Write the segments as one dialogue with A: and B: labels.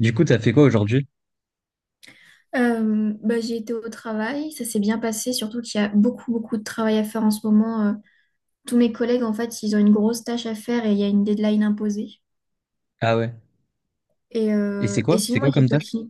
A: Du coup, t'as fait quoi aujourd'hui?
B: Bah, j'ai été au travail, ça s'est bien passé, surtout qu'il y a beaucoup, beaucoup de travail à faire en ce moment. Tous mes collègues, en fait, ils ont une grosse tâche à faire et il y a une deadline imposée.
A: Ah ouais.
B: Et,
A: Et
B: euh,
A: c'est
B: et
A: quoi?
B: sinon,
A: C'est
B: moi,
A: quoi
B: j'ai
A: comme tâche?
B: continué.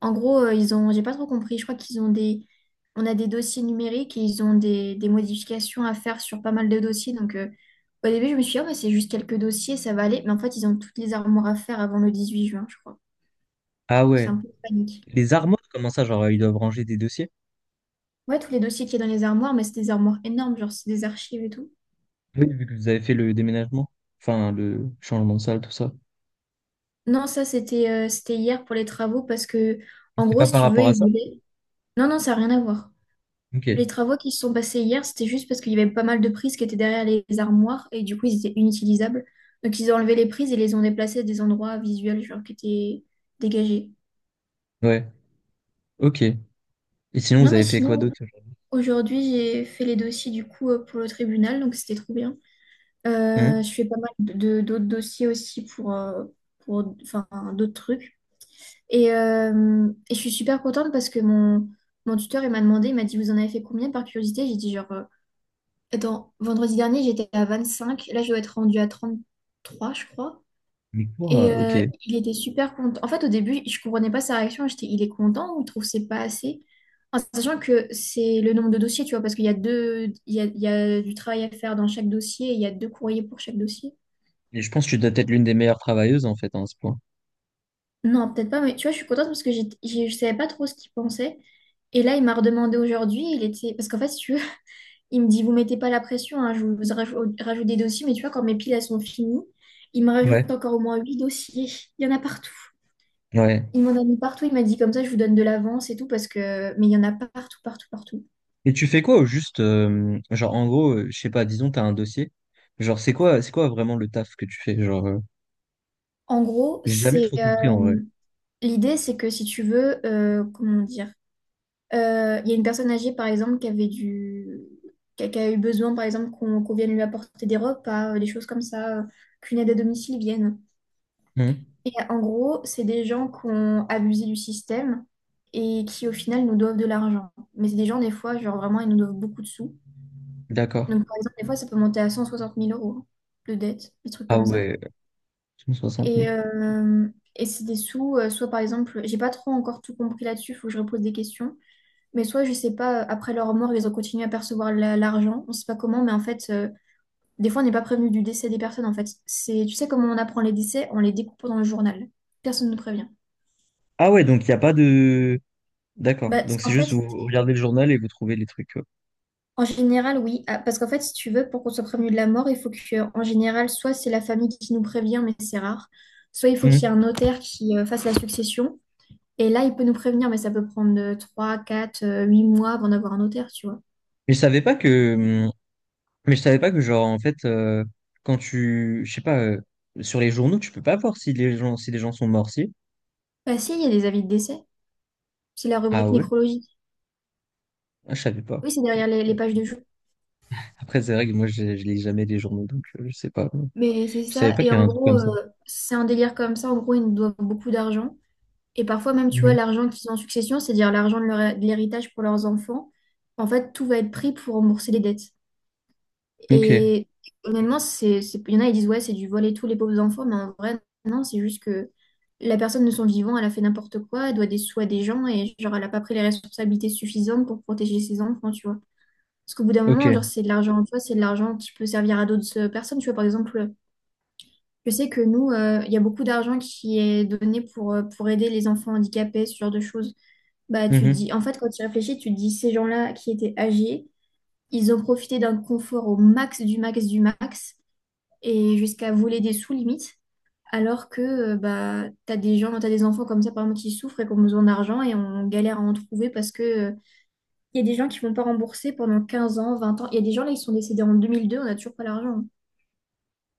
B: En gros, ils ont, j'ai pas trop compris, je crois qu'ils ont des, on a des dossiers numériques et ils ont des modifications à faire sur pas mal de dossiers. Donc, au début, je me suis dit, oh, bah, c'est juste quelques dossiers, ça va aller. Mais en fait, ils ont toutes les armoires à faire avant le 18 juin, je crois.
A: Ah
B: C'est
A: ouais.
B: un peu panique.
A: Les armoires, comment ça? Genre, ils doivent ranger des dossiers?
B: Ouais, tous les dossiers qu'il y a dans les armoires, mais c'est des armoires énormes, genre c'est des archives et tout.
A: Oui, vu que vous avez fait le déménagement. Enfin, le changement de salle, tout ça.
B: Non, ça c'était c'était hier pour les travaux parce que
A: Mais
B: en
A: c'est
B: gros,
A: pas
B: si
A: par
B: tu veux,
A: rapport à
B: ils
A: ça?
B: voulaient. Non, non, ça n'a rien à voir.
A: Ok.
B: Les travaux qui se sont passés hier, c'était juste parce qu'il y avait pas mal de prises qui étaient derrière les armoires et du coup, ils étaient inutilisables. Donc ils ont enlevé les prises et les ont déplacées à des endroits visuels genre qui étaient dégagés.
A: Ouais. Ok. Et sinon, vous
B: Non, mais
A: avez fait quoi
B: sinon,
A: d'autre aujourd'hui?
B: aujourd'hui, j'ai fait les dossiers du coup pour le tribunal, donc c'était trop bien.
A: Hein?
B: Je fais pas mal de d'autres dossiers aussi pour enfin d'autres trucs. Et je suis super contente parce que mon tuteur, il m'a demandé, il m'a dit, vous en avez fait combien par curiosité? J'ai dit, genre, attends, vendredi dernier, j'étais à 25 là, je dois être rendue à 33 je crois.
A: Mais
B: Et
A: quoi? Ok. Et
B: il était super content. En fait, au début, je comprenais pas sa réaction. J'étais, il est content ou il trouve que c'est pas assez? En sachant que c'est le nombre de dossiers, tu vois, parce qu'il y a deux, il y a du travail à faire dans chaque dossier, et il y a deux courriers pour chaque dossier.
A: je pense que tu dois être l'une des meilleures travailleuses, en fait, hein, à ce point.
B: Non, peut-être pas, mais tu vois, je suis contente parce que je savais pas trop ce qu'il pensait. Et là, il m'a redemandé aujourd'hui, il était... Parce qu'en fait, si tu veux, il me dit, vous mettez pas la pression, hein, je vous rajoute des dossiers, mais tu vois, quand mes piles, elles sont finies, il me rajoute
A: Ouais.
B: encore au moins huit dossiers. Il y en a partout.
A: Ouais.
B: Il m'en a mis partout, il m'a dit, comme ça, je vous donne de l'avance et tout, parce que... Mais il y en a partout, partout, partout.
A: Et tu fais quoi au juste? Genre, en gros, je sais pas, disons, t'as un dossier. Genre, c'est quoi vraiment le taf que tu fais?
B: En gros,
A: J'ai jamais trop compris, en vrai.
B: l'idée, c'est que si tu veux, comment dire... il y a une personne âgée, par exemple, qui avait du... qui a eu besoin, par exemple, qu'on vienne lui apporter des repas, des choses comme ça, qu'une aide à domicile vienne.
A: Hum.
B: Et en gros, c'est des gens qui ont abusé du système et qui, au final, nous doivent de l'argent. Mais c'est des gens, des fois, genre vraiment, ils nous doivent beaucoup de sous.
A: D'accord.
B: Donc, par exemple, des fois, ça peut monter à 160 000 euros de dette, des trucs
A: Ah
B: comme ça.
A: ouais, cent soixante
B: Et,
A: mille.
B: euh, et c'est des sous, soit par exemple, j'ai pas trop encore tout compris là-dessus, il faut que je repose des questions. Mais soit, je sais pas, après leur mort, ils ont continué à percevoir l'argent. On sait pas comment, mais en fait, des fois, on n'est pas prévenu du décès des personnes, en fait. C'est, tu sais comment on apprend les décès? En les découpant dans le journal. Personne ne prévient.
A: Ah ouais, donc il n'y a pas de... D'accord.
B: Bah,
A: Donc c'est
B: en fait,
A: juste vous regardez le journal et vous trouvez les trucs, quoi.
B: en général, oui. Ah, parce qu'en fait, si tu veux, pour qu'on soit prévenu de la mort, il faut que, en général, soit c'est la famille qui nous prévient, mais c'est rare. Soit il faut qu'il y ait un
A: Mhm.
B: notaire qui fasse la succession. Et là, il peut nous prévenir, mais ça peut prendre 3 4 8 mois avant d'avoir un notaire, tu vois.
A: Mais je savais pas que... Hum. Mais je savais pas que genre en fait, quand tu... Je sais pas, sur les journaux, tu peux pas voir si les gens, si les gens sont morts, si.
B: Bah si, il y a des avis de décès. C'est la
A: Ah
B: rubrique
A: ouais?
B: nécrologie.
A: Ah, je savais pas.
B: Oui, c'est derrière les pages de jeu.
A: Après, c'est vrai que moi, je lis jamais les journaux, donc je sais pas.
B: Mais c'est
A: Je savais
B: ça.
A: pas qu'il
B: Et
A: y
B: en
A: avait un truc
B: gros,
A: comme ça.
B: c'est un délire comme ça. En gros, ils nous doivent beaucoup d'argent. Et parfois, même, tu vois,
A: Mhm.
B: l'argent qu'ils ont en succession, c'est-à-dire l'argent de de l'héritage pour leurs enfants, en fait, tout va être pris pour rembourser les dettes.
A: Ok,
B: Et honnêtement, il y en a, ils disent, ouais, c'est du vol et tout, les pauvres enfants. Mais en vrai, non, c'est juste que la personne de son vivant, elle a fait n'importe quoi, elle doit des sous à des gens et, genre, elle n'a pas pris les responsabilités suffisantes pour protéger ses enfants, tu vois. Parce qu'au bout d'un moment,
A: ok.
B: genre, c'est de l'argent, tu vois, c'est de l'argent qui peut servir à d'autres personnes. Tu vois, par exemple, je sais que nous, il y a beaucoup d'argent qui est donné pour aider les enfants handicapés, ce genre de choses. Bah, tu
A: Mhm.
B: dis, en fait, quand tu réfléchis, tu te dis, ces gens-là qui étaient âgés, ils ont profité d'un confort au max du max du max et jusqu'à voler des sous limites. Alors que bah, tu as des gens, tu des enfants comme ça, par exemple, qui souffrent et qui ont besoin d'argent et on galère à en trouver parce que il y a des gens qui ne vont pas rembourser pendant 15 ans, 20 ans. Il y a des gens là, ils sont décédés en 2002, on n'a toujours pas l'argent.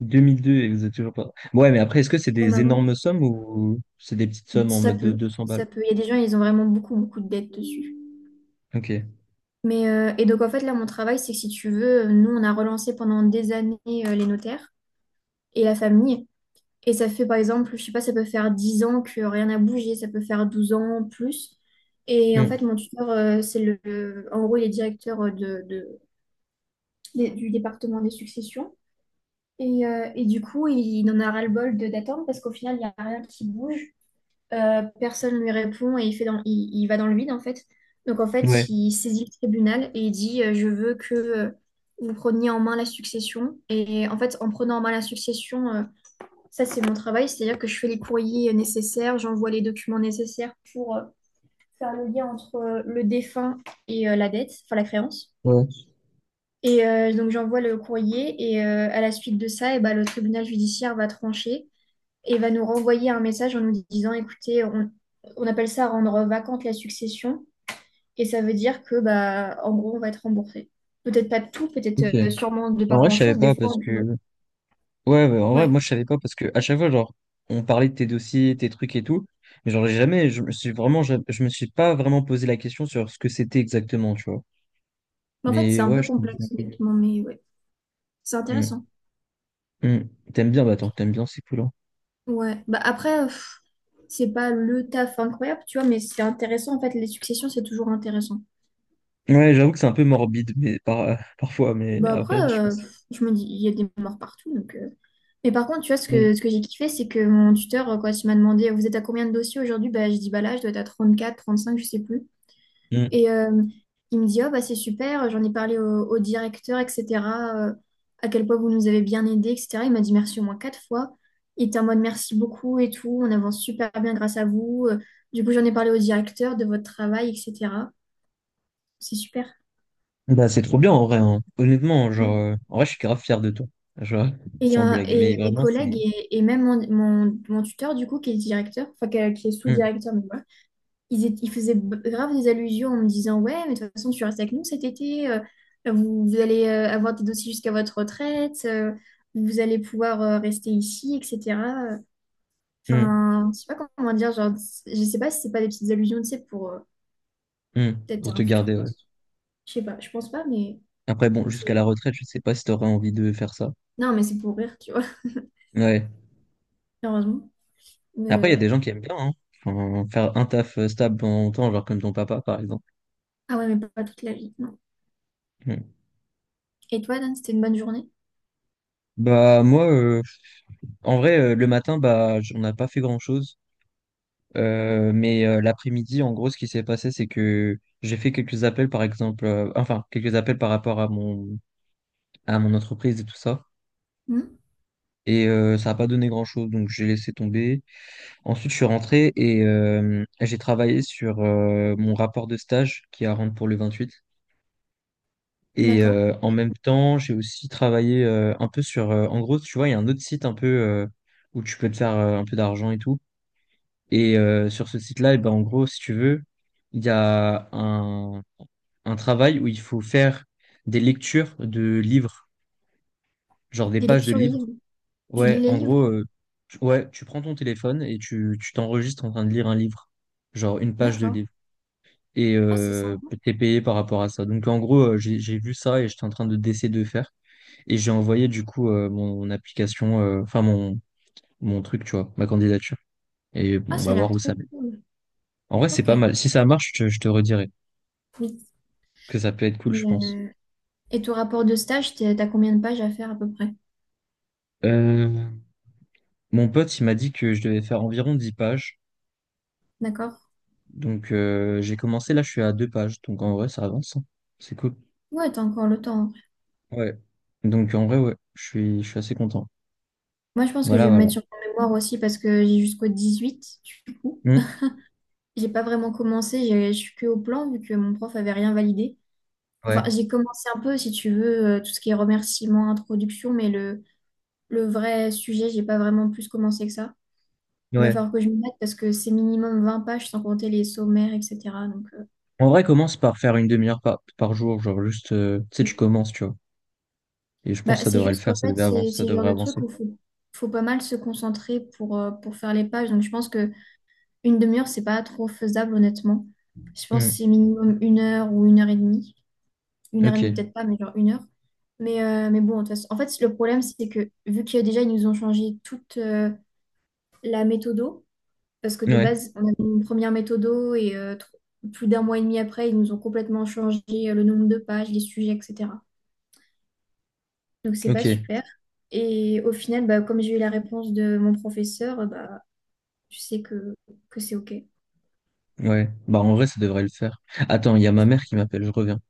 A: 2002, et vous êtes toujours pas... Ouais, mais après, est-ce que c'est
B: Même
A: des
B: avant.
A: énormes sommes ou c'est des petites sommes en
B: Ça
A: mode de
B: peut,
A: 200 balles?
B: ça peut. Il y a des gens, ils ont vraiment beaucoup, beaucoup de dettes dessus.
A: Ok.
B: Mais, et donc, en fait, là, mon travail, c'est que si tu veux, nous, on a relancé pendant des années les notaires et la famille. Et ça fait, par exemple, je sais pas, ça peut faire 10 ans que rien n'a bougé, ça peut faire 12 ans, plus. Et en
A: Mm.
B: fait, mon tuteur, c'est en gros, il est directeur du département des successions. Et du coup, il en a ras-le-bol d'attendre parce qu'au final, il n'y a rien qui bouge. Personne lui répond et il fait dans, il va dans le vide en fait. Donc en fait,
A: Ouais.
B: il saisit le tribunal et il dit je veux que vous preniez en main la succession. Et en fait, en prenant en main la succession, ça c'est mon travail, c'est-à-dire que je fais les courriers nécessaires, j'envoie les documents nécessaires pour faire le lien entre le défunt et la dette, enfin la créance.
A: Ouais.
B: Et donc j'envoie le courrier et à la suite de ça, et ben, le tribunal judiciaire va trancher et va nous renvoyer un message en nous disant, écoutez, on appelle ça rendre vacante la succession, et ça veut dire que, bah, en gros, on va être remboursé. Peut-être pas de tout, peut-être
A: Ok.
B: sûrement de
A: En
B: pas
A: vrai, je savais
B: grand-chose, des
A: pas
B: fois,
A: parce
B: on peut-
A: que. Ouais, ouais, en vrai,
B: Ouais.
A: moi, je savais pas parce que à chaque fois, genre, on parlait de tes dossiers, tes trucs et tout. Mais genre, j'ai jamais, je me suis vraiment, je me suis pas vraiment posé la question sur ce que c'était exactement, tu vois.
B: Mais en fait, c'est
A: Mais
B: un
A: ouais,
B: peu
A: je comprends un
B: complexe,
A: peu mieux.
B: honnêtement, mais ouais, c'est intéressant.
A: Mm. Mm. T'aimes bien, bah, tant t'aimes bien, c'est cool, hein.
B: Ouais. Bah, après, pff, c'est pas le taf incroyable, tu vois, mais c'est intéressant, en fait, les successions, c'est toujours intéressant.
A: Ouais, j'avoue que c'est un peu morbide, mais parfois, mais
B: Bah, après,
A: après, je pense.
B: pff, je me dis, il y a des morts partout, donc... mais par contre, tu vois, ce
A: Mm.
B: que, ce que j'ai kiffé, c'est que mon tuteur, quand il m'a demandé, vous êtes à combien de dossiers aujourd'hui? Bah, je dis, bah là, je dois être à 34 35 je sais plus.
A: Mm.
B: Et il me dit, oh, bah c'est super, j'en ai parlé au directeur, etc. euh, à quel point vous nous avez bien aidés, etc. Il m'a dit merci au moins quatre fois. Il était en mode merci beaucoup et tout, on avance super bien grâce à vous. Du coup, j'en ai parlé au directeur de votre travail, etc. C'est super.
A: Bah, c'est trop bien, en vrai, hein. Honnêtement, genre,
B: Mm.
A: en vrai, je suis grave fier de toi. Genre, sans blague,
B: Et
A: mais
B: mes
A: vraiment,
B: collègues
A: c'est.
B: et même mon tuteur, du coup, qui est directeur, enfin, qui est
A: Mm.
B: sous-directeur, mais voilà, ils faisaient grave des allusions en me disant, ouais, mais de toute façon, tu restes avec nous cet été, vous allez avoir des dossiers jusqu'à votre retraite, vous allez pouvoir rester ici, etc.
A: Mm.
B: Enfin, je sais pas comment dire, genre, je sais pas si c'est pas des petites allusions, tu sais, pour
A: Hmm,
B: peut-être
A: pour te
B: un futur
A: garder, ouais.
B: poste. Je sais pas, je pense pas, mais
A: Après, bon,
B: c'est-
A: jusqu'à la retraite, je sais pas si t'aurais envie de faire ça.
B: non, mais c'est pour rire, tu vois,
A: Ouais.
B: heureusement. Mais,
A: Après, il y a des
B: ouais.
A: gens qui aiment bien, hein. Enfin, faire un taf stable pendant longtemps, genre comme ton papa, par exemple.
B: Ah ouais, mais pas toute la vie, non.
A: Hmm.
B: Et toi, Dan, c'était une bonne journée?
A: Bah, moi, en vrai, le matin, bah, on n'a pas fait grand-chose. Mais l'après-midi, en gros, ce qui s'est passé, c'est que j'ai fait quelques appels, par exemple, enfin, quelques appels par rapport à à mon entreprise et tout ça.
B: Hmm.
A: Et ça n'a pas donné grand-chose, donc j'ai laissé tomber. Ensuite, je suis rentré et j'ai travaillé sur mon rapport de stage qui est à rendre pour le 28. Et
B: D'accord.
A: en même temps, j'ai aussi travaillé un peu sur... en gros, tu vois, il y a un autre site un peu où tu peux te faire un peu d'argent et tout. Et sur ce site-là, eh ben, en gros, si tu veux, il y a un travail où il faut faire des lectures de livres, genre des
B: Des
A: pages de
B: lectures de
A: livres.
B: livres. Tu lis
A: Ouais,
B: les
A: en
B: livres?
A: gros, ouais, tu prends ton téléphone et tu t'enregistres en train de lire un livre, genre une page de
B: D'accord.
A: livre. Et
B: Ah, c'est sympa.
A: t'es payé par rapport à ça. Donc en gros, j'ai vu ça et j'étais en train de d'essayer de le faire et j'ai envoyé du coup mon application, enfin mon truc, tu vois, ma candidature. Et
B: Ah,
A: bon, on
B: ça
A: va
B: a
A: voir
B: l'air
A: où ça
B: trop
A: mène.
B: cool.
A: En vrai, c'est
B: Ok.
A: pas mal. Si ça marche, je te redirai
B: Oui.
A: que ça peut être cool, je
B: Et,
A: pense.
B: euh, et ton rapport de stage, t'as combien de pages à faire à peu près?
A: Euh, Mon pote, il m'a dit que je devais faire environ 10 pages.
B: D'accord?
A: Donc j'ai commencé là, je suis à 2 pages. Donc en vrai, ça avance, hein. C'est cool.
B: Ouais, t'as encore le temps.
A: Ouais. Donc en vrai, ouais, je suis assez content.
B: Moi, je pense que je
A: Voilà,
B: vais me
A: voilà.
B: mettre sur mon mémoire aussi parce que j'ai jusqu'au 18 du coup.
A: Hmm.
B: J'ai pas vraiment commencé, je suis que au plan vu que mon prof avait rien validé. Enfin,
A: Ouais.
B: j'ai commencé un peu, si tu veux, tout ce qui est remerciements, introduction, mais le vrai sujet, j'ai pas vraiment plus commencé que ça. Il va
A: Ouais.
B: falloir que je me mette parce que c'est minimum 20 pages sans compter les sommaires, etc. Donc,
A: En vrai, commence par faire une demi-heure par jour, genre juste, tu sais, tu commences, tu vois. Et je pense
B: bah,
A: que ça
B: c'est
A: devrait le
B: juste qu'en
A: faire, ça
B: fait,
A: devait avancer, ça
B: c'est le genre
A: devrait
B: de truc
A: avancer.
B: où il faut, faut pas mal se concentrer pour faire les pages. Donc, je pense que une demi-heure, c'est pas trop faisable, honnêtement. Je pense que
A: Hmm,
B: c'est minimum une heure ou une heure et demie. Une heure et
A: ok,
B: demie, peut-être pas, mais genre une heure. Mais bon, de toute façon- en fait, le problème, c'est que vu qu'il y a déjà, ils nous ont changé toute la méthodo, parce que de
A: ouais,
B: base, on avait une première méthodo et plus d'un mois et demi après, ils nous ont complètement changé le nombre de pages, les sujets, etc. Donc c'est pas
A: ok,
B: super. Et au final, bah, comme j'ai eu la réponse de mon professeur, bah, je sais que c'est OK.
A: ouais. Bah en vrai, ça devrait le faire. Attends, il y a ma mère qui m'appelle, je reviens.